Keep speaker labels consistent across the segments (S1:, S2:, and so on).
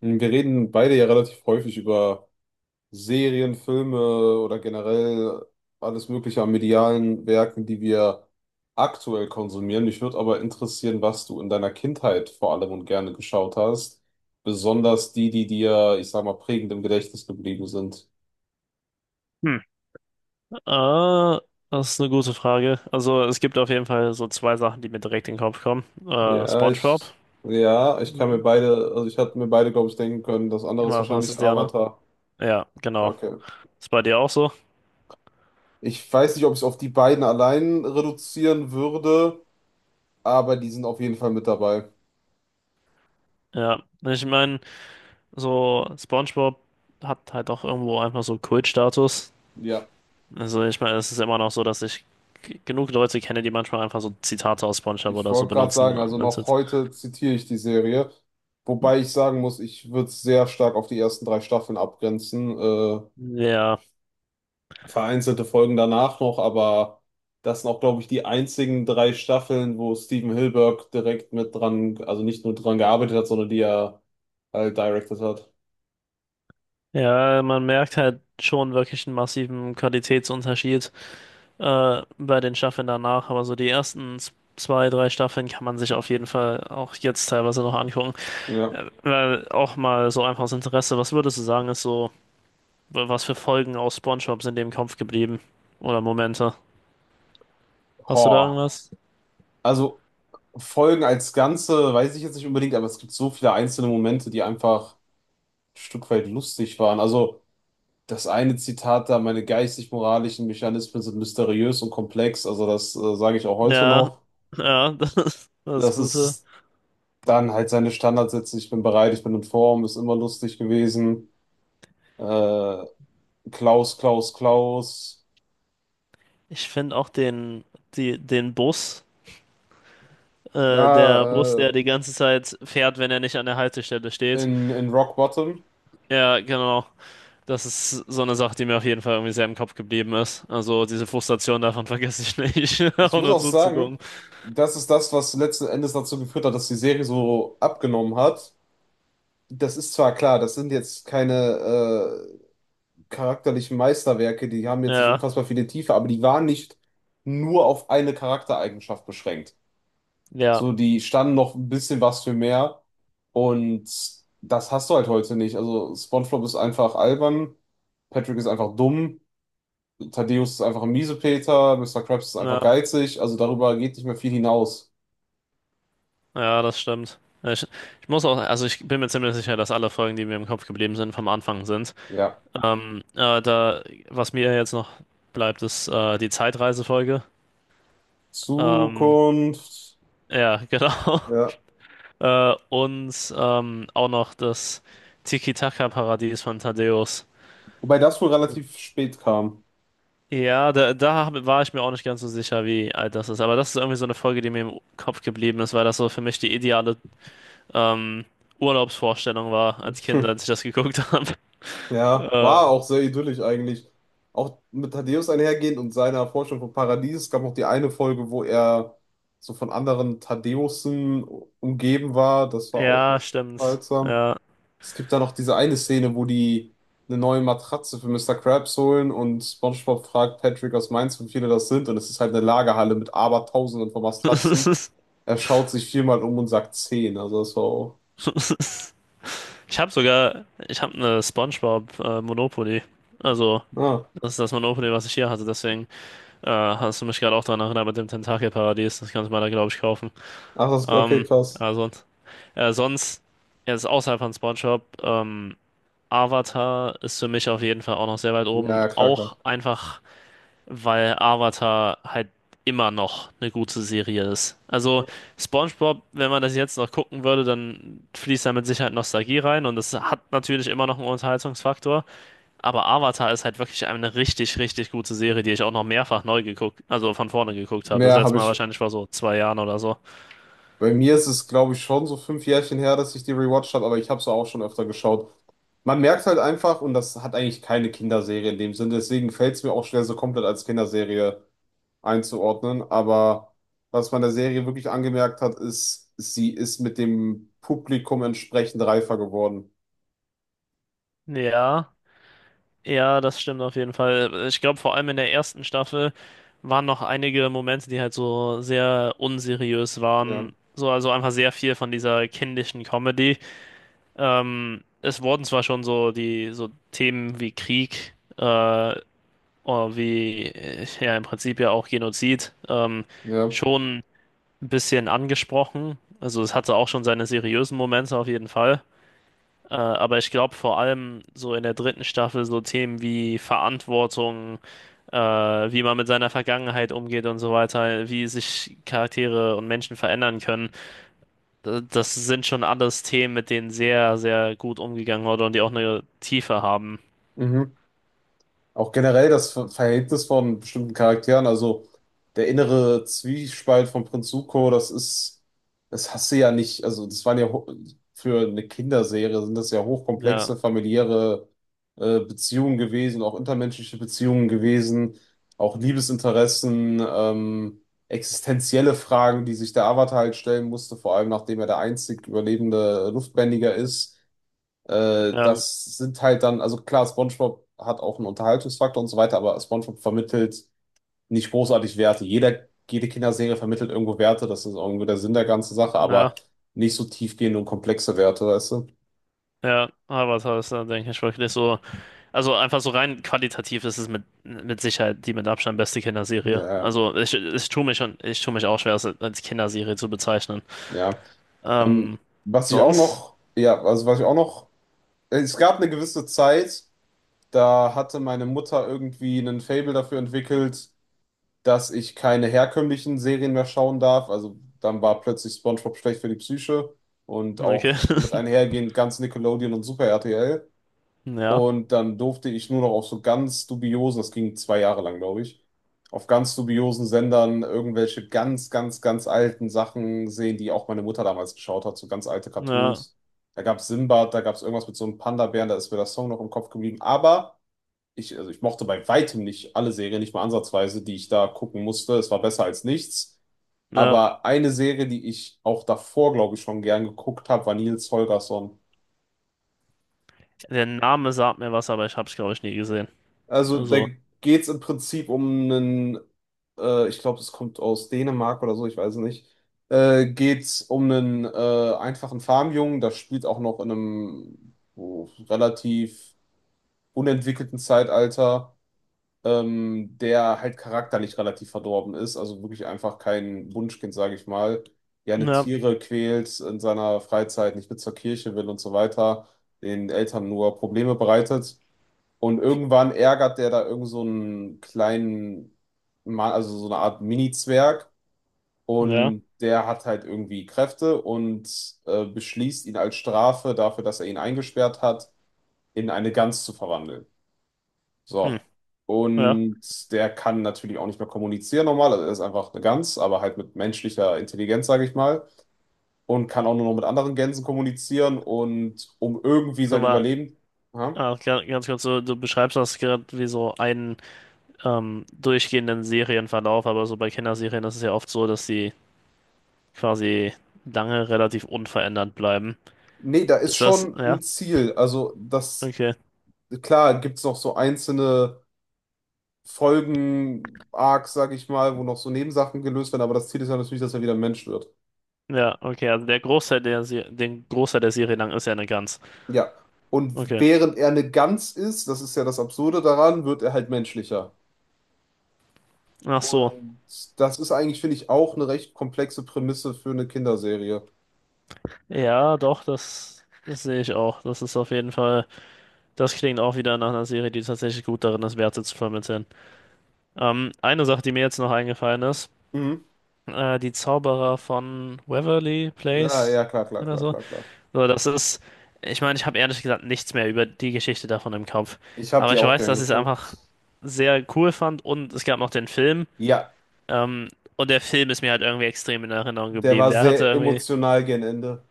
S1: Wir reden beide ja relativ häufig über Serien, Filme oder generell alles Mögliche an medialen Werken, die wir aktuell konsumieren. Mich würde aber interessieren, was du in deiner Kindheit vor allem und gerne geschaut hast. Besonders die, die dir, ich sag mal, prägend im Gedächtnis geblieben sind.
S2: Hm. Äh, Das ist eine gute Frage. Also es gibt auf jeden Fall so zwei Sachen, die mir direkt in den Kopf kommen.
S1: Ja,
S2: SpongeBob.
S1: ich, ja, ich kann mir
S2: Ja.
S1: beide, also ich hatte mir beide, glaube ich, denken können. Das andere ist
S2: Was, was
S1: wahrscheinlich
S2: ist der, ne?
S1: Avatar.
S2: Ja, genau.
S1: Okay.
S2: Ist bei dir auch so?
S1: Ich weiß nicht, ob ich es auf die beiden allein reduzieren würde, aber die sind auf jeden Fall mit dabei.
S2: Ja. Ich meine, so SpongeBob hat halt auch irgendwo einfach so Kultstatus.
S1: Ja,
S2: Also ich meine, es ist immer noch so, dass ich genug Leute kenne, die manchmal einfach so Zitate aus SpongeBob
S1: ich
S2: oder so
S1: wollte gerade
S2: benutzen.
S1: sagen, also
S2: Und
S1: noch heute zitiere ich die Serie, wobei ich sagen muss, ich würde es sehr stark auf die ersten drei Staffeln abgrenzen.
S2: Ja.
S1: Vereinzelte Folgen danach noch, aber das sind auch, glaube ich, die einzigen drei Staffeln, wo Steven Hilberg direkt mit dran, also nicht nur dran gearbeitet hat, sondern die er halt directed hat.
S2: Ja, man merkt halt schon wirklich einen massiven Qualitätsunterschied. Bei den Staffeln danach, aber so die ersten zwei, drei Staffeln kann man sich auf jeden Fall auch jetzt teilweise noch angucken.
S1: Ja.
S2: Weil auch mal so einfaches Interesse, was würdest du sagen, ist so, was für Folgen aus SpongeBob sind dir im Kopf geblieben? Oder Momente? Hast du da
S1: Boah.
S2: irgendwas?
S1: Also Folgen als Ganze weiß ich jetzt nicht unbedingt, aber es gibt so viele einzelne Momente, die einfach ein Stück weit lustig waren. Also das eine Zitat da, meine geistig-moralischen Mechanismen sind mysteriös und komplex, also das sage ich auch heute
S2: Ja,
S1: noch.
S2: ja, das ist das
S1: Das
S2: Gute.
S1: ist dann halt seine Standardsätze, ich bin bereit, ich bin in Form, ist immer lustig gewesen. Äh, Klaus, Klaus, Klaus,
S2: Ich finde auch den, die, den Bus, der Bus,
S1: da
S2: der
S1: äh,
S2: die ganze Zeit fährt, wenn er nicht an der Haltestelle steht.
S1: in Rock Bottom.
S2: Ja, genau. Das ist so eine Sache, die mir auf jeden Fall irgendwie sehr im Kopf geblieben ist. Also diese Frustration davon vergesse ich nicht,
S1: Ich
S2: auch
S1: muss
S2: nur
S1: auch sagen,
S2: zuzugucken.
S1: das ist das, was letzten Endes dazu geführt hat, dass die Serie so abgenommen hat. Das ist zwar klar, das sind jetzt keine äh, charakterlichen Meisterwerke, die haben jetzt nicht
S2: Ja,
S1: unfassbar viele Tiefe, aber die waren nicht nur auf eine Charaktereigenschaft beschränkt.
S2: ja,
S1: So, die standen noch ein bisschen was für mehr und das hast du halt heute nicht. Also SpongeBob ist einfach albern, Patrick ist einfach dumm, Thaddeus ist einfach ein Miesepeter, Mister Krabs ist einfach
S2: ja,
S1: geizig, also darüber geht nicht mehr viel hinaus.
S2: ja, das stimmt. Ich muss auch, also ich bin mir ziemlich sicher, dass alle Folgen, die mir im Kopf geblieben sind, vom Anfang sind.
S1: Ja.
S2: Da, was mir jetzt noch bleibt, ist die Zeitreisefolge. Ähm,
S1: Zukunft.
S2: ja, genau.
S1: Ja.
S2: Und auch noch das Tiki-Taka-Paradies von Thaddäus.
S1: Wobei das wohl relativ spät kam.
S2: Ja, da, war ich mir auch nicht ganz so sicher, wie alt das ist. Aber das ist irgendwie so eine Folge, die mir im Kopf geblieben ist, weil das so für mich die ideale ähm, Urlaubsvorstellung war als Kind, als ich das geguckt habe.
S1: Ja,
S2: Äh,
S1: war auch sehr idyllisch eigentlich. Auch mit Thaddäus einhergehend und seiner Forschung vom Paradies. Es gab noch die eine Folge, wo er so von anderen Thaddäusen umgeben war. Das war auch
S2: ja,
S1: so
S2: stimmt.
S1: seltsam.
S2: Ja.
S1: Es gibt da noch diese eine Szene, wo die eine neue Matratze für Mister Krabs holen und SpongeBob fragt Patrick aus Mainz, wie viele das sind. Und es ist halt eine Lagerhalle mit Abertausenden von Matratzen. Er schaut sich viermal um und sagt zehn. Also das war auch.
S2: Ich habe eine SpongeBob Monopoly. Also,
S1: Ah,
S2: das ist das Monopoly, was ich hier hatte. Deswegen hast du mich gerade auch daran erinnert mit dem Tentakelparadies. Das kannst du mal da, glaube ich, kaufen.
S1: ach, das, okay,
S2: Ähm,
S1: krass.
S2: also. Ja, sonst, jetzt außerhalb von SpongeBob, Avatar ist für mich auf jeden Fall auch noch sehr weit oben.
S1: Ja, klar,
S2: Auch
S1: klar.
S2: einfach, weil Avatar halt immer noch eine gute Serie ist. Also SpongeBob, wenn man das jetzt noch gucken würde, dann fließt da mit Sicherheit Nostalgie rein und das hat natürlich immer noch einen Unterhaltungsfaktor. Aber Avatar ist halt wirklich eine richtig, richtig gute Serie, die ich auch noch mehrfach neu geguckt, also von vorne geguckt habe. Das
S1: Mehr
S2: letzte
S1: habe
S2: Mal
S1: ich.
S2: wahrscheinlich vor so zwei Jahren oder so.
S1: Bei mir ist es, glaube ich, schon so fünf Jährchen her, dass ich die rewatcht habe, aber ich habe es auch schon öfter geschaut. Man merkt halt einfach, und das hat eigentlich keine Kinderserie in dem Sinne, deswegen fällt es mir auch schwer, so komplett als Kinderserie einzuordnen. Aber was man der Serie wirklich angemerkt hat, ist, sie ist mit dem Publikum entsprechend reifer geworden.
S2: Ja. Ja, das stimmt auf jeden Fall. Ich glaube, vor allem in der ersten Staffel waren noch einige Momente, die halt so sehr unseriös
S1: Ja,
S2: waren. So, also einfach sehr viel von dieser kindischen Comedy. Es wurden zwar schon so die so Themen wie Krieg, oder wie ja im Prinzip ja auch Genozid,
S1: ja.
S2: schon ein bisschen angesprochen. Also es hatte auch schon seine seriösen Momente auf jeden Fall. Aber ich glaube vor allem so in der dritten Staffel so Themen wie Verantwortung, wie man mit seiner Vergangenheit umgeht und so weiter, wie sich Charaktere und Menschen verändern können. Das sind schon alles Themen, mit denen sehr, sehr gut umgegangen wurde und die auch eine Tiefe haben.
S1: Mhm. Auch generell das Verhältnis von bestimmten Charakteren, also der innere Zwiespalt von Prinz Zuko, das ist, das hast du ja nicht, also das waren ja für eine Kinderserie sind das ja
S2: Ja,
S1: hochkomplexe familiäre Beziehungen gewesen, auch intermenschliche Beziehungen gewesen, auch Liebesinteressen, existenzielle Fragen, die sich der Avatar halt stellen musste, vor allem nachdem er der einzig überlebende Luftbändiger ist.
S2: ja,
S1: Das sind halt dann, also klar, SpongeBob hat auch einen Unterhaltungsfaktor und so weiter, aber SpongeBob vermittelt nicht großartig Werte. Jeder, jede Kinderserie vermittelt irgendwo Werte, das ist irgendwie der Sinn der ganzen Sache,
S2: ja,
S1: aber nicht so tiefgehende und komplexe Werte, weißt du?
S2: ja. Aber das ist dann, denke ich, wirklich so. Also einfach so rein qualitativ ist es mit Sicherheit die mit Abstand beste Kinderserie.
S1: Ja,
S2: Ich tue mich schon, ich tue mich auch schwer, es als Kinderserie zu bezeichnen.
S1: ja. Ähm,
S2: Ähm,
S1: was ich auch
S2: sonst?
S1: noch, ja, also was ich auch noch: es gab eine gewisse Zeit, da hatte meine Mutter irgendwie einen Faible dafür entwickelt, dass ich keine herkömmlichen Serien mehr schauen darf. Also dann war plötzlich SpongeBob schlecht für die Psyche und
S2: Okay.
S1: auch mit einhergehend ganz Nickelodeon und Super RTL.
S2: Ja,
S1: Und dann durfte ich nur noch auf so ganz dubiosen, das ging zwei Jahre lang, glaube ich, auf ganz dubiosen Sendern irgendwelche ganz, ganz, ganz alten Sachen sehen, die auch meine Mutter damals geschaut hat, so ganz alte
S2: ja,
S1: Cartoons. Da gab es Sinbad, da gab es irgendwas mit so einem Panda-Bären, da ist mir der Song noch im Kopf geblieben. Aber ich, also ich mochte bei weitem nicht alle Serien, nicht mal ansatzweise, die ich da gucken musste. Es war besser als nichts.
S2: ja.
S1: Aber eine Serie, die ich auch davor, glaube ich, schon gern geguckt habe, war Nils Holgersson.
S2: Der Name sagt mir was, aber ich hab's, glaube ich, nie gesehen.
S1: Also da
S2: Also,
S1: geht's im Prinzip um einen, ich glaube, es kommt aus Dänemark oder so, ich weiß es nicht. Geht's um einen einfachen Farmjungen, das spielt auch noch in einem relativ unentwickelten Zeitalter, der halt charakterlich relativ verdorben ist, also wirklich einfach kein Wunschkind, sage ich mal, gerne
S2: ja,
S1: Tiere quält in seiner Freizeit, nicht mit zur Kirche will und so weiter, den Eltern nur Probleme bereitet. Und irgendwann ärgert der da irgend so einen kleinen Mann, also so eine Art Mini-Zwerg.
S2: ja,
S1: Und der hat halt irgendwie Kräfte und beschließt ihn als Strafe dafür, dass er ihn eingesperrt hat, in eine Gans zu verwandeln.
S2: hm,
S1: So.
S2: ja.
S1: Und der kann natürlich auch nicht mehr kommunizieren normal. Also er ist einfach eine Gans, aber halt mit menschlicher Intelligenz, sage ich mal. Und kann auch nur noch mit anderen Gänsen kommunizieren und um irgendwie sein
S2: Aber
S1: Überleben. Ja.
S2: ah, ganz kurz, du beschreibst das gerade wie so einen durchgehenden Serienverlauf, aber so bei Kinderserien ist es ja oft so, dass die quasi lange relativ unverändert bleiben.
S1: Nee, da ist
S2: Ist das,
S1: schon ein
S2: ja,
S1: Ziel. Also, das,
S2: okay.
S1: klar, gibt es noch so einzelne Folgen-Arcs, sage ich mal, wo noch so Nebensachen gelöst werden, aber das Ziel ist ja natürlich, dass er wieder ein Mensch wird.
S2: Ja, okay, also der Großteil der, den Großteil der Serie lang ist ja eine Gans.
S1: Ja. Und
S2: Okay.
S1: während er eine Gans ist, das ist ja das Absurde daran, wird er halt menschlicher.
S2: Ach so.
S1: Und das ist eigentlich, finde ich, auch eine recht komplexe Prämisse für eine Kinderserie.
S2: Ja, doch, das, das sehe ich auch. Das ist auf jeden Fall, das klingt auch wieder nach einer Serie, die tatsächlich gut darin ist, Werte zu vermitteln. Eine Sache, die mir jetzt noch eingefallen ist,
S1: Mhm.
S2: die Zauberer von Waverly
S1: Ah,
S2: Place
S1: ja, klar, klar,
S2: oder
S1: klar,
S2: so.
S1: klar, klar.
S2: So, das ist, ich meine, ich habe ehrlich gesagt nichts mehr über die Geschichte davon im Kopf.
S1: Ich habe
S2: Aber
S1: die
S2: ich
S1: auch
S2: weiß,
S1: gern
S2: dass ich es einfach
S1: geguckt.
S2: sehr cool fand und es gab noch den Film.
S1: Ja,
S2: Ähm, und der Film ist mir halt irgendwie extrem in Erinnerung
S1: der
S2: geblieben.
S1: war
S2: Der hatte
S1: sehr
S2: irgendwie,
S1: emotional gegen Ende.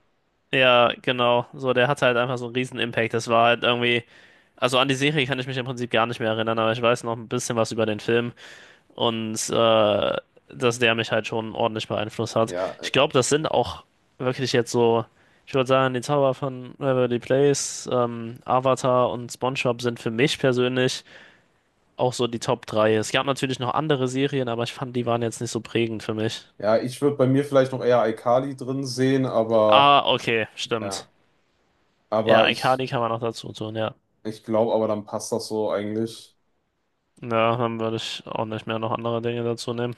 S2: ja, genau, so, der hatte halt einfach so einen riesen Impact. Das war halt irgendwie. Also an die Serie kann ich mich im Prinzip gar nicht mehr erinnern, aber ich weiß noch ein bisschen was über den Film und dass der mich halt schon ordentlich beeinflusst hat.
S1: Ja,
S2: Ich glaube, das sind auch wirklich jetzt so, ich würde sagen, die Zauber von Waverly Place, Avatar und SpongeBob sind für mich persönlich auch so die Top 3. Es gab natürlich noch andere Serien, aber ich fand, die waren jetzt nicht so prägend für mich.
S1: ja, ich würde bei mir vielleicht noch eher Alkali drin sehen, aber
S2: Ah, okay, stimmt.
S1: ja,
S2: Ja,
S1: aber
S2: iCarly kann man noch dazu tun, ja.
S1: ich glaube, aber dann passt das so eigentlich.
S2: Ja, dann würde ich auch nicht mehr noch andere Dinge dazu nehmen.